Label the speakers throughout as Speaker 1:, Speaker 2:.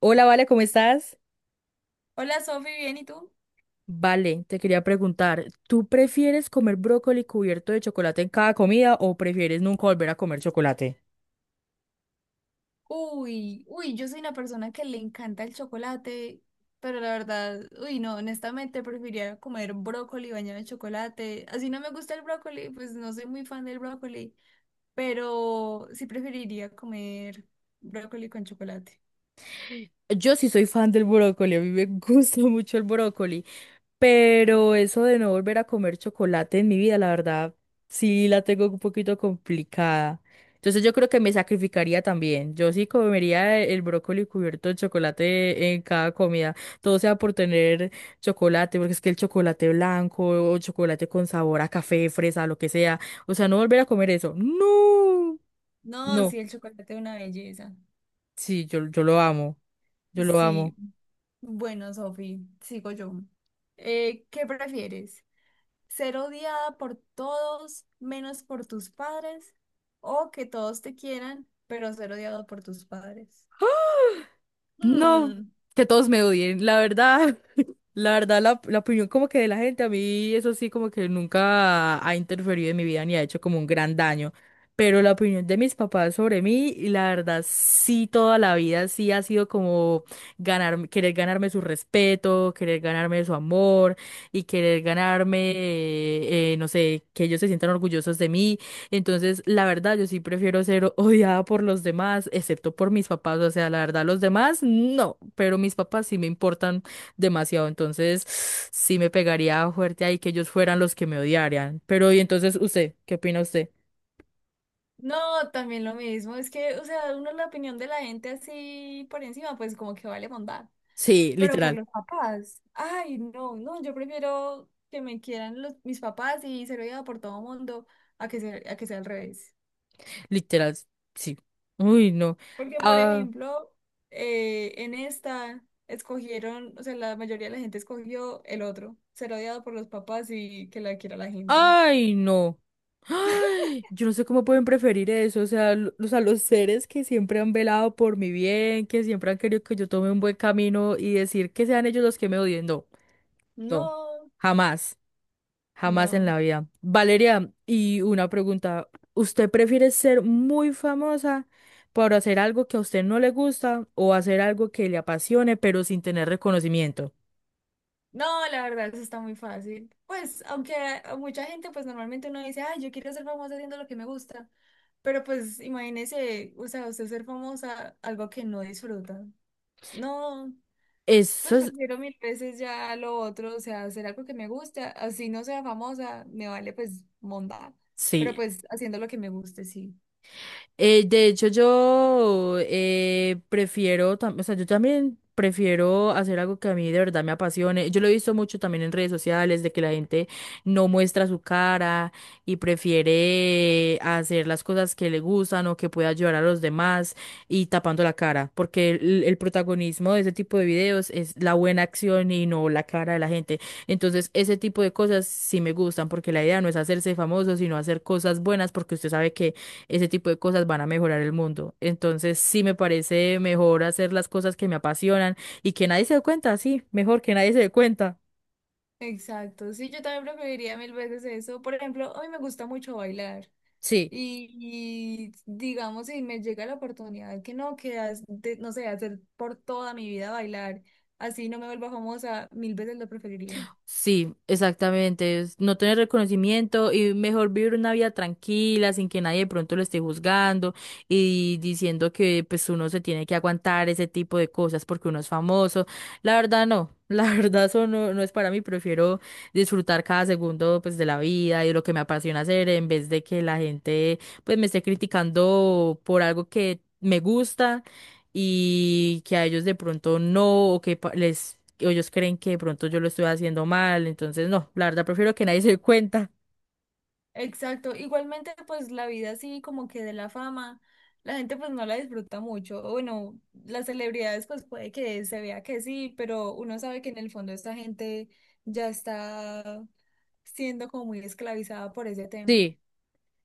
Speaker 1: Hola, Vale, ¿cómo estás?
Speaker 2: Hola Sofi, ¿bien y tú?
Speaker 1: Vale, te quería preguntar, ¿tú prefieres comer brócoli cubierto de chocolate en cada comida o prefieres nunca volver a comer chocolate?
Speaker 2: Uy, uy, yo soy una persona que le encanta el chocolate, pero la verdad, uy, no, honestamente preferiría comer brócoli bañado en chocolate. Así no me gusta el brócoli, pues no soy muy fan del brócoli, pero sí preferiría comer brócoli con chocolate.
Speaker 1: Yo sí soy fan del brócoli, a mí me gusta mucho el brócoli, pero eso de no volver a comer chocolate en mi vida, la verdad, sí la tengo un poquito complicada. Entonces yo creo que me sacrificaría también. Yo sí comería el brócoli cubierto de chocolate en cada comida. Todo sea por tener chocolate, porque es que el chocolate blanco o chocolate con sabor a café, fresa, lo que sea. O sea, no volver a comer eso. No,
Speaker 2: No,
Speaker 1: no.
Speaker 2: sí, el chocolate es una belleza.
Speaker 1: Sí, yo lo amo. Yo lo
Speaker 2: Sí,
Speaker 1: amo.
Speaker 2: bueno, Sofi, sigo yo. ¿Qué prefieres? Ser odiada por todos menos por tus padres o que todos te quieran, pero ser odiado por tus padres.
Speaker 1: No,
Speaker 2: Hmm.
Speaker 1: que todos me odien, la verdad, la verdad, la opinión como que de la gente, a mí eso sí como que nunca ha interferido en mi vida ni ha hecho como un gran daño, pero la opinión de mis papás sobre mí, y la verdad, sí, toda la vida sí ha sido como ganar, querer ganarme su respeto, querer ganarme su amor y querer ganarme, no sé, que ellos se sientan orgullosos de mí. Entonces, la verdad, yo sí prefiero ser odiada por los demás, excepto por mis papás. O sea, la verdad, los demás no, pero mis papás sí me importan demasiado. Entonces, sí me pegaría fuerte ahí que ellos fueran los que me odiarían. Pero, y entonces, usted, ¿qué opina usted?
Speaker 2: No, también lo mismo, es que, o sea, uno la opinión de la gente así por encima, pues como que vale bondad,
Speaker 1: Sí,
Speaker 2: pero por
Speaker 1: literal,
Speaker 2: los papás, ay, no, no, yo prefiero que me quieran los, mis papás y ser odiada por todo mundo a que sea al revés.
Speaker 1: literal, sí. Uy, no.
Speaker 2: Porque, por
Speaker 1: Ah,
Speaker 2: ejemplo, en esta escogieron, o sea, la mayoría de la gente escogió el otro, ser odiado por los papás y que la quiera la gente.
Speaker 1: ay, no. Ay, yo no sé cómo pueden preferir eso. O sea, o sea, los seres que siempre han velado por mi bien, que siempre han querido que yo tome un buen camino y decir que sean ellos los que me odien. No, no.
Speaker 2: No,
Speaker 1: Jamás. Jamás en
Speaker 2: no.
Speaker 1: la vida. Valeria, y una pregunta. ¿Usted prefiere ser muy famosa por hacer algo que a usted no le gusta o hacer algo que le apasione pero sin tener reconocimiento?
Speaker 2: No, la verdad, eso está muy fácil. Pues, aunque a mucha gente, pues normalmente uno dice, ay, yo quiero ser famosa haciendo lo que me gusta. Pero pues imagínese, o sea, usted ser famosa, algo que no disfruta. No.
Speaker 1: Eso
Speaker 2: Pues
Speaker 1: es,
Speaker 2: prefiero mil veces ya lo otro, o sea, hacer algo que me gusta, así no sea famosa, me vale pues monda, pero
Speaker 1: sí.
Speaker 2: pues haciendo lo que me guste, sí.
Speaker 1: De hecho, yo prefiero, o sea, yo también prefiero hacer algo que a mí de verdad me apasione. Yo lo he visto mucho también en redes sociales, de que la gente no muestra su cara y prefiere hacer las cosas que le gustan o que pueda ayudar a los demás y tapando la cara, porque el protagonismo de ese tipo de videos es la buena acción y no la cara de la gente. Entonces, ese tipo de cosas sí me gustan, porque la idea no es hacerse famoso, sino hacer cosas buenas, porque usted sabe que ese tipo de cosas van a mejorar el mundo. Entonces, sí me parece mejor hacer las cosas que me apasionan y que nadie se dé cuenta, sí, mejor que nadie se dé cuenta.
Speaker 2: Exacto, sí, yo también preferiría mil veces eso. Por ejemplo, a mí me gusta mucho bailar
Speaker 1: Sí.
Speaker 2: digamos, si me llega la oportunidad que no, que no sé, hacer por toda mi vida bailar, así no me vuelva famosa, mil veces lo preferiría.
Speaker 1: Sí, exactamente. Es no tener reconocimiento y mejor vivir una vida tranquila, sin que nadie de pronto lo esté juzgando y diciendo que pues uno se tiene que aguantar ese tipo de cosas porque uno es famoso. La verdad no, la verdad eso no, no es para mí. Prefiero disfrutar cada segundo pues de la vida y de lo que me apasiona hacer en vez de que la gente pues me esté criticando por algo que me gusta y que a ellos de pronto no, o que o ellos creen que de pronto yo lo estoy haciendo mal, entonces no, la verdad prefiero que nadie se dé cuenta.
Speaker 2: Exacto, igualmente pues la vida así como que de la fama, la gente pues no la disfruta mucho, o bueno, las celebridades pues puede que se vea que sí, pero uno sabe que en el fondo esta gente ya está siendo como muy esclavizada por ese tema.
Speaker 1: Sí,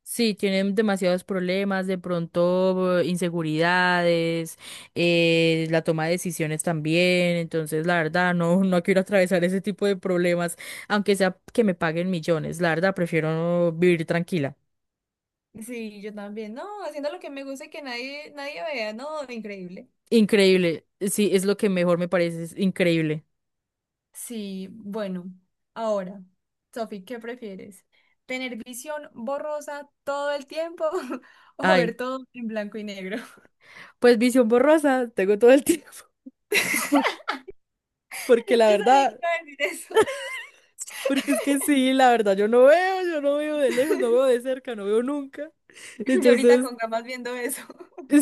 Speaker 1: sí, tienen demasiados problemas, de pronto inseguridades, la toma de decisiones también, entonces la verdad no, no quiero atravesar ese tipo de problemas, aunque sea que me paguen millones, la verdad prefiero vivir tranquila.
Speaker 2: Sí, yo también, no, haciendo lo que me gusta y que nadie, nadie vea, no, increíble.
Speaker 1: Increíble, sí, es lo que mejor me parece, es increíble.
Speaker 2: Sí, bueno, ahora, Sofi, ¿qué prefieres? ¿Tener visión borrosa todo el tiempo o
Speaker 1: Ay,
Speaker 2: ver todo en blanco y negro?
Speaker 1: pues visión borrosa, tengo todo el tiempo. Por- Porque la
Speaker 2: Yo sabía que
Speaker 1: verdad,
Speaker 2: iba a decir eso.
Speaker 1: porque es que sí, la verdad, yo no veo de lejos, no veo de cerca, no veo nunca.
Speaker 2: Yo ahorita
Speaker 1: Entonces,
Speaker 2: con gafas viendo eso.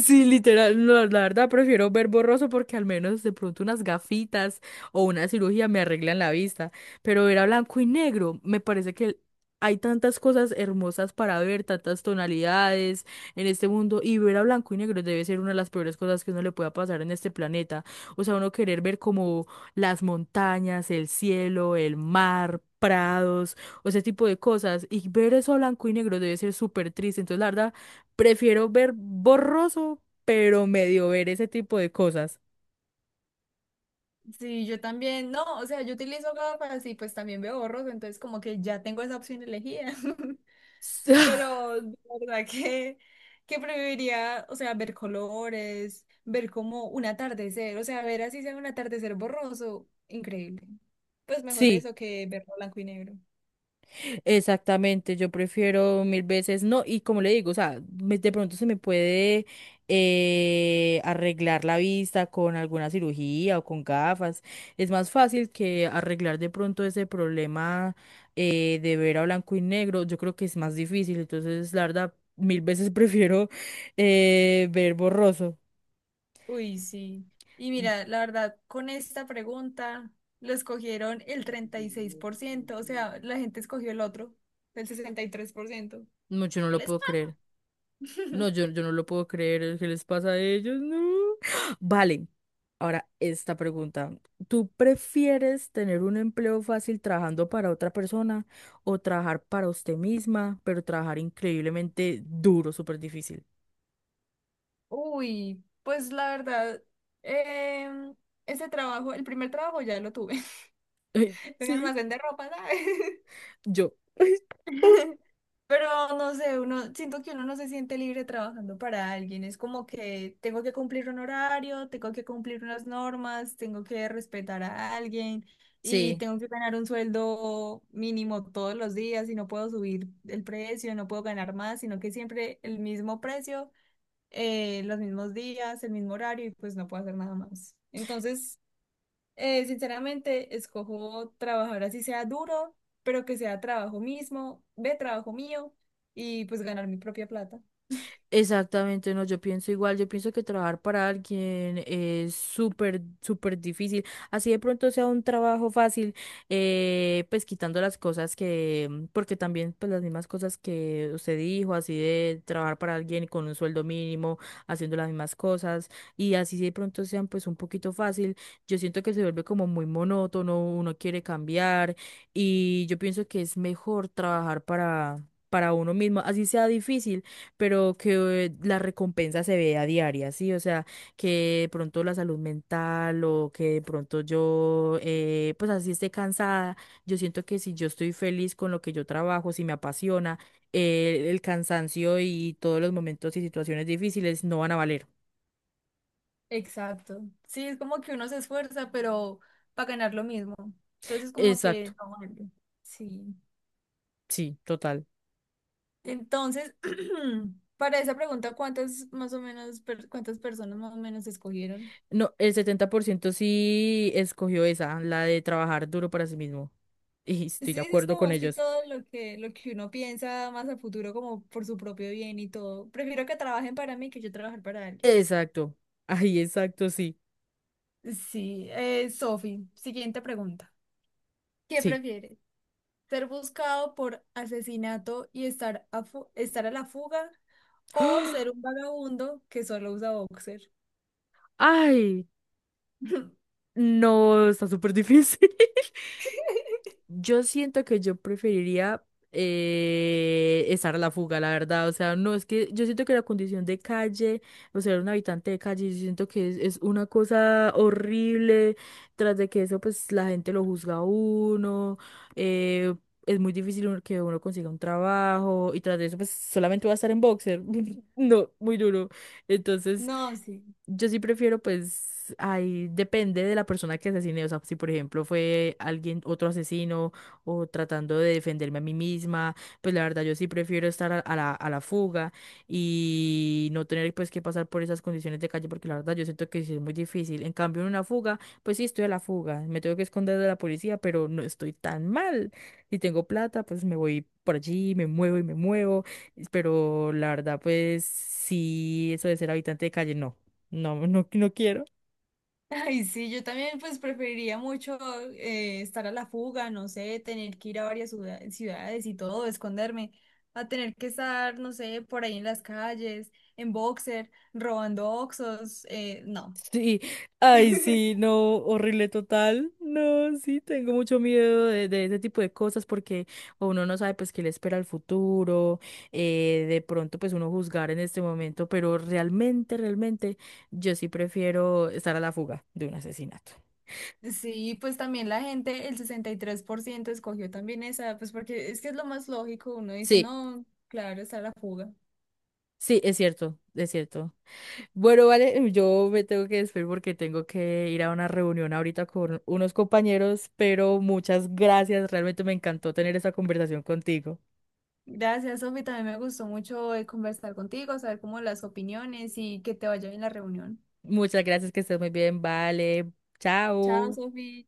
Speaker 1: sí, literal, no, la verdad prefiero ver borroso porque al menos de pronto unas gafitas o una cirugía me arreglan la vista, pero ver a blanco y negro, me parece que hay tantas cosas hermosas para ver, tantas tonalidades en este mundo y ver a blanco y negro debe ser una de las peores cosas que uno le pueda pasar en este planeta. O sea, uno querer ver como las montañas, el cielo, el mar, prados o ese tipo de cosas y ver eso a blanco y negro debe ser súper triste, entonces la verdad prefiero ver borroso, pero medio ver ese tipo de cosas.
Speaker 2: Sí, yo también, no, o sea, yo utilizo gafas y pues también veo borroso entonces como que ya tengo esa opción elegida. Pero de verdad que, preferiría, o sea, ver colores, ver como un atardecer, o sea, ver así sea un atardecer borroso, increíble. Pues mejor
Speaker 1: Sí,
Speaker 2: eso que verlo blanco y negro.
Speaker 1: exactamente. Yo prefiero mil veces no. Y como le digo, o sea, de pronto se me puede arreglar la vista con alguna cirugía o con gafas. Es más fácil que arreglar de pronto ese problema de ver a blanco y negro. Yo creo que es más difícil. Entonces, la verdad, mil veces prefiero ver borroso.
Speaker 2: Uy, sí. Y mira, la verdad, con esta pregunta lo escogieron el 36%, o sea, la gente escogió el otro, el 63%.
Speaker 1: No, yo no
Speaker 2: El
Speaker 1: lo
Speaker 2: es-
Speaker 1: puedo creer. No, yo, yo no lo puedo creer. ¿Qué les pasa a ellos? No. Vale. Ahora, esta pregunta. ¿Tú prefieres tener un empleo fácil trabajando para otra persona o trabajar para usted misma, pero trabajar increíblemente duro, súper difícil?
Speaker 2: Uy, pues la verdad, em, ese trabajo, el primer trabajo ya lo tuve,
Speaker 1: Ay,
Speaker 2: en un
Speaker 1: sí,
Speaker 2: almacén de ropa, ¿sabes?
Speaker 1: yo. Ay, oh.
Speaker 2: Pero no sé, uno, siento que uno no se siente libre trabajando para alguien. Es como que tengo que cumplir un horario, tengo que cumplir unas normas, tengo que respetar a alguien y
Speaker 1: Sí.
Speaker 2: tengo que ganar un sueldo mínimo todos los días y no puedo subir el precio, no puedo ganar más, sino que siempre el mismo precio, los mismos días, el mismo horario y pues no puedo hacer nada más. Entonces sinceramente, escojo trabajar así sea duro, pero que sea trabajo mismo, de trabajo mío y pues ganar mi propia plata.
Speaker 1: Exactamente, no, yo pienso igual, yo pienso que trabajar para alguien es súper, súper difícil. Así de pronto sea un trabajo fácil, pues quitando las cosas que, mm, porque también pues las mismas cosas que usted dijo, así de trabajar para alguien con un sueldo mínimo, haciendo las mismas cosas, y así de pronto sean pues un poquito fácil, yo siento que se vuelve como muy monótono, uno quiere cambiar, y yo pienso que es mejor trabajar para uno mismo, así sea difícil pero que la recompensa se vea diaria, ¿sí? O sea, que de pronto la salud mental o que de pronto yo, pues así esté cansada, yo siento que si yo estoy feliz con lo que yo trabajo, si me apasiona, el cansancio y todos los momentos y situaciones difíciles no van a valer.
Speaker 2: Exacto. Sí, es como que uno se esfuerza, pero para ganar lo mismo. Entonces, como que
Speaker 1: Exacto,
Speaker 2: no vale. Sí.
Speaker 1: sí, total.
Speaker 2: Entonces, para esa pregunta, ¿cuántas más o menos, cuántas personas más o menos escogieron?
Speaker 1: No, el 70% sí escogió esa, la de trabajar duro para sí mismo. Y
Speaker 2: Sí,
Speaker 1: estoy
Speaker 2: sí,
Speaker 1: de
Speaker 2: es
Speaker 1: acuerdo
Speaker 2: como
Speaker 1: con
Speaker 2: más que
Speaker 1: ellos.
Speaker 2: todo lo que uno piensa más a futuro, como por su propio bien y todo. Prefiero que trabajen para mí que yo trabajar para alguien.
Speaker 1: Exacto. Ay, exacto, sí.
Speaker 2: Sí, Sofi, siguiente pregunta. ¿Qué
Speaker 1: Sí.
Speaker 2: prefieres? ¿Ser buscado por asesinato y estar a la fuga? ¿O ser un vagabundo que solo usa boxer?
Speaker 1: Ay, no, está súper difícil. Yo siento que yo preferiría estar a la fuga, la verdad. O sea, no, es que yo siento que la condición de calle, o sea, un habitante de calle, yo siento que es una cosa horrible. Tras de que eso, pues la gente lo juzga a uno. eh, es muy difícil que uno consiga un trabajo. Y tras de eso, pues solamente va a estar en boxer. No, muy duro. Entonces.
Speaker 2: No, sí.
Speaker 1: Yo sí prefiero, pues, ahí depende de la persona que asesine. O sea, si por ejemplo fue alguien, otro asesino, o tratando de defenderme a mí misma, pues la verdad yo sí prefiero estar a a la fuga y no tener pues que pasar por esas condiciones de calle, porque la verdad yo siento que sí es muy difícil. En cambio, en una fuga, pues sí estoy a la fuga. Me tengo que esconder de la policía, pero no estoy tan mal. Si tengo plata, pues me voy por allí, me muevo y me muevo. Pero la verdad, pues sí, eso de ser habitante de calle, no. No, no, no quiero.
Speaker 2: Ay, sí, yo también pues preferiría mucho estar a la fuga, no sé, tener que ir a varias ciudades y todo, esconderme, a tener que estar, no sé, por ahí en las calles, en boxer, robando oxos, no.
Speaker 1: Sí, ay, sí, no, horrible total. No, sí, tengo mucho miedo de ese tipo de cosas porque uno no sabe pues qué le espera el futuro, de pronto pues uno juzgar en este momento, pero realmente, realmente yo sí prefiero estar a la fuga de un asesinato.
Speaker 2: Sí, pues también la gente, el 63% escogió también esa, pues porque es que es lo más lógico, uno dice,
Speaker 1: Sí,
Speaker 2: no, claro, está la fuga.
Speaker 1: sí, es cierto, es cierto. Bueno, vale, yo me tengo que despedir porque tengo que ir a una reunión ahorita con unos compañeros, pero muchas gracias, realmente me encantó tener esta conversación contigo.
Speaker 2: Gracias, Sofi, también me gustó mucho conversar contigo, saber cómo las opiniones y que te vaya bien la reunión.
Speaker 1: Muchas gracias, que estés muy bien, vale,
Speaker 2: Chao,
Speaker 1: chao.
Speaker 2: Sofi.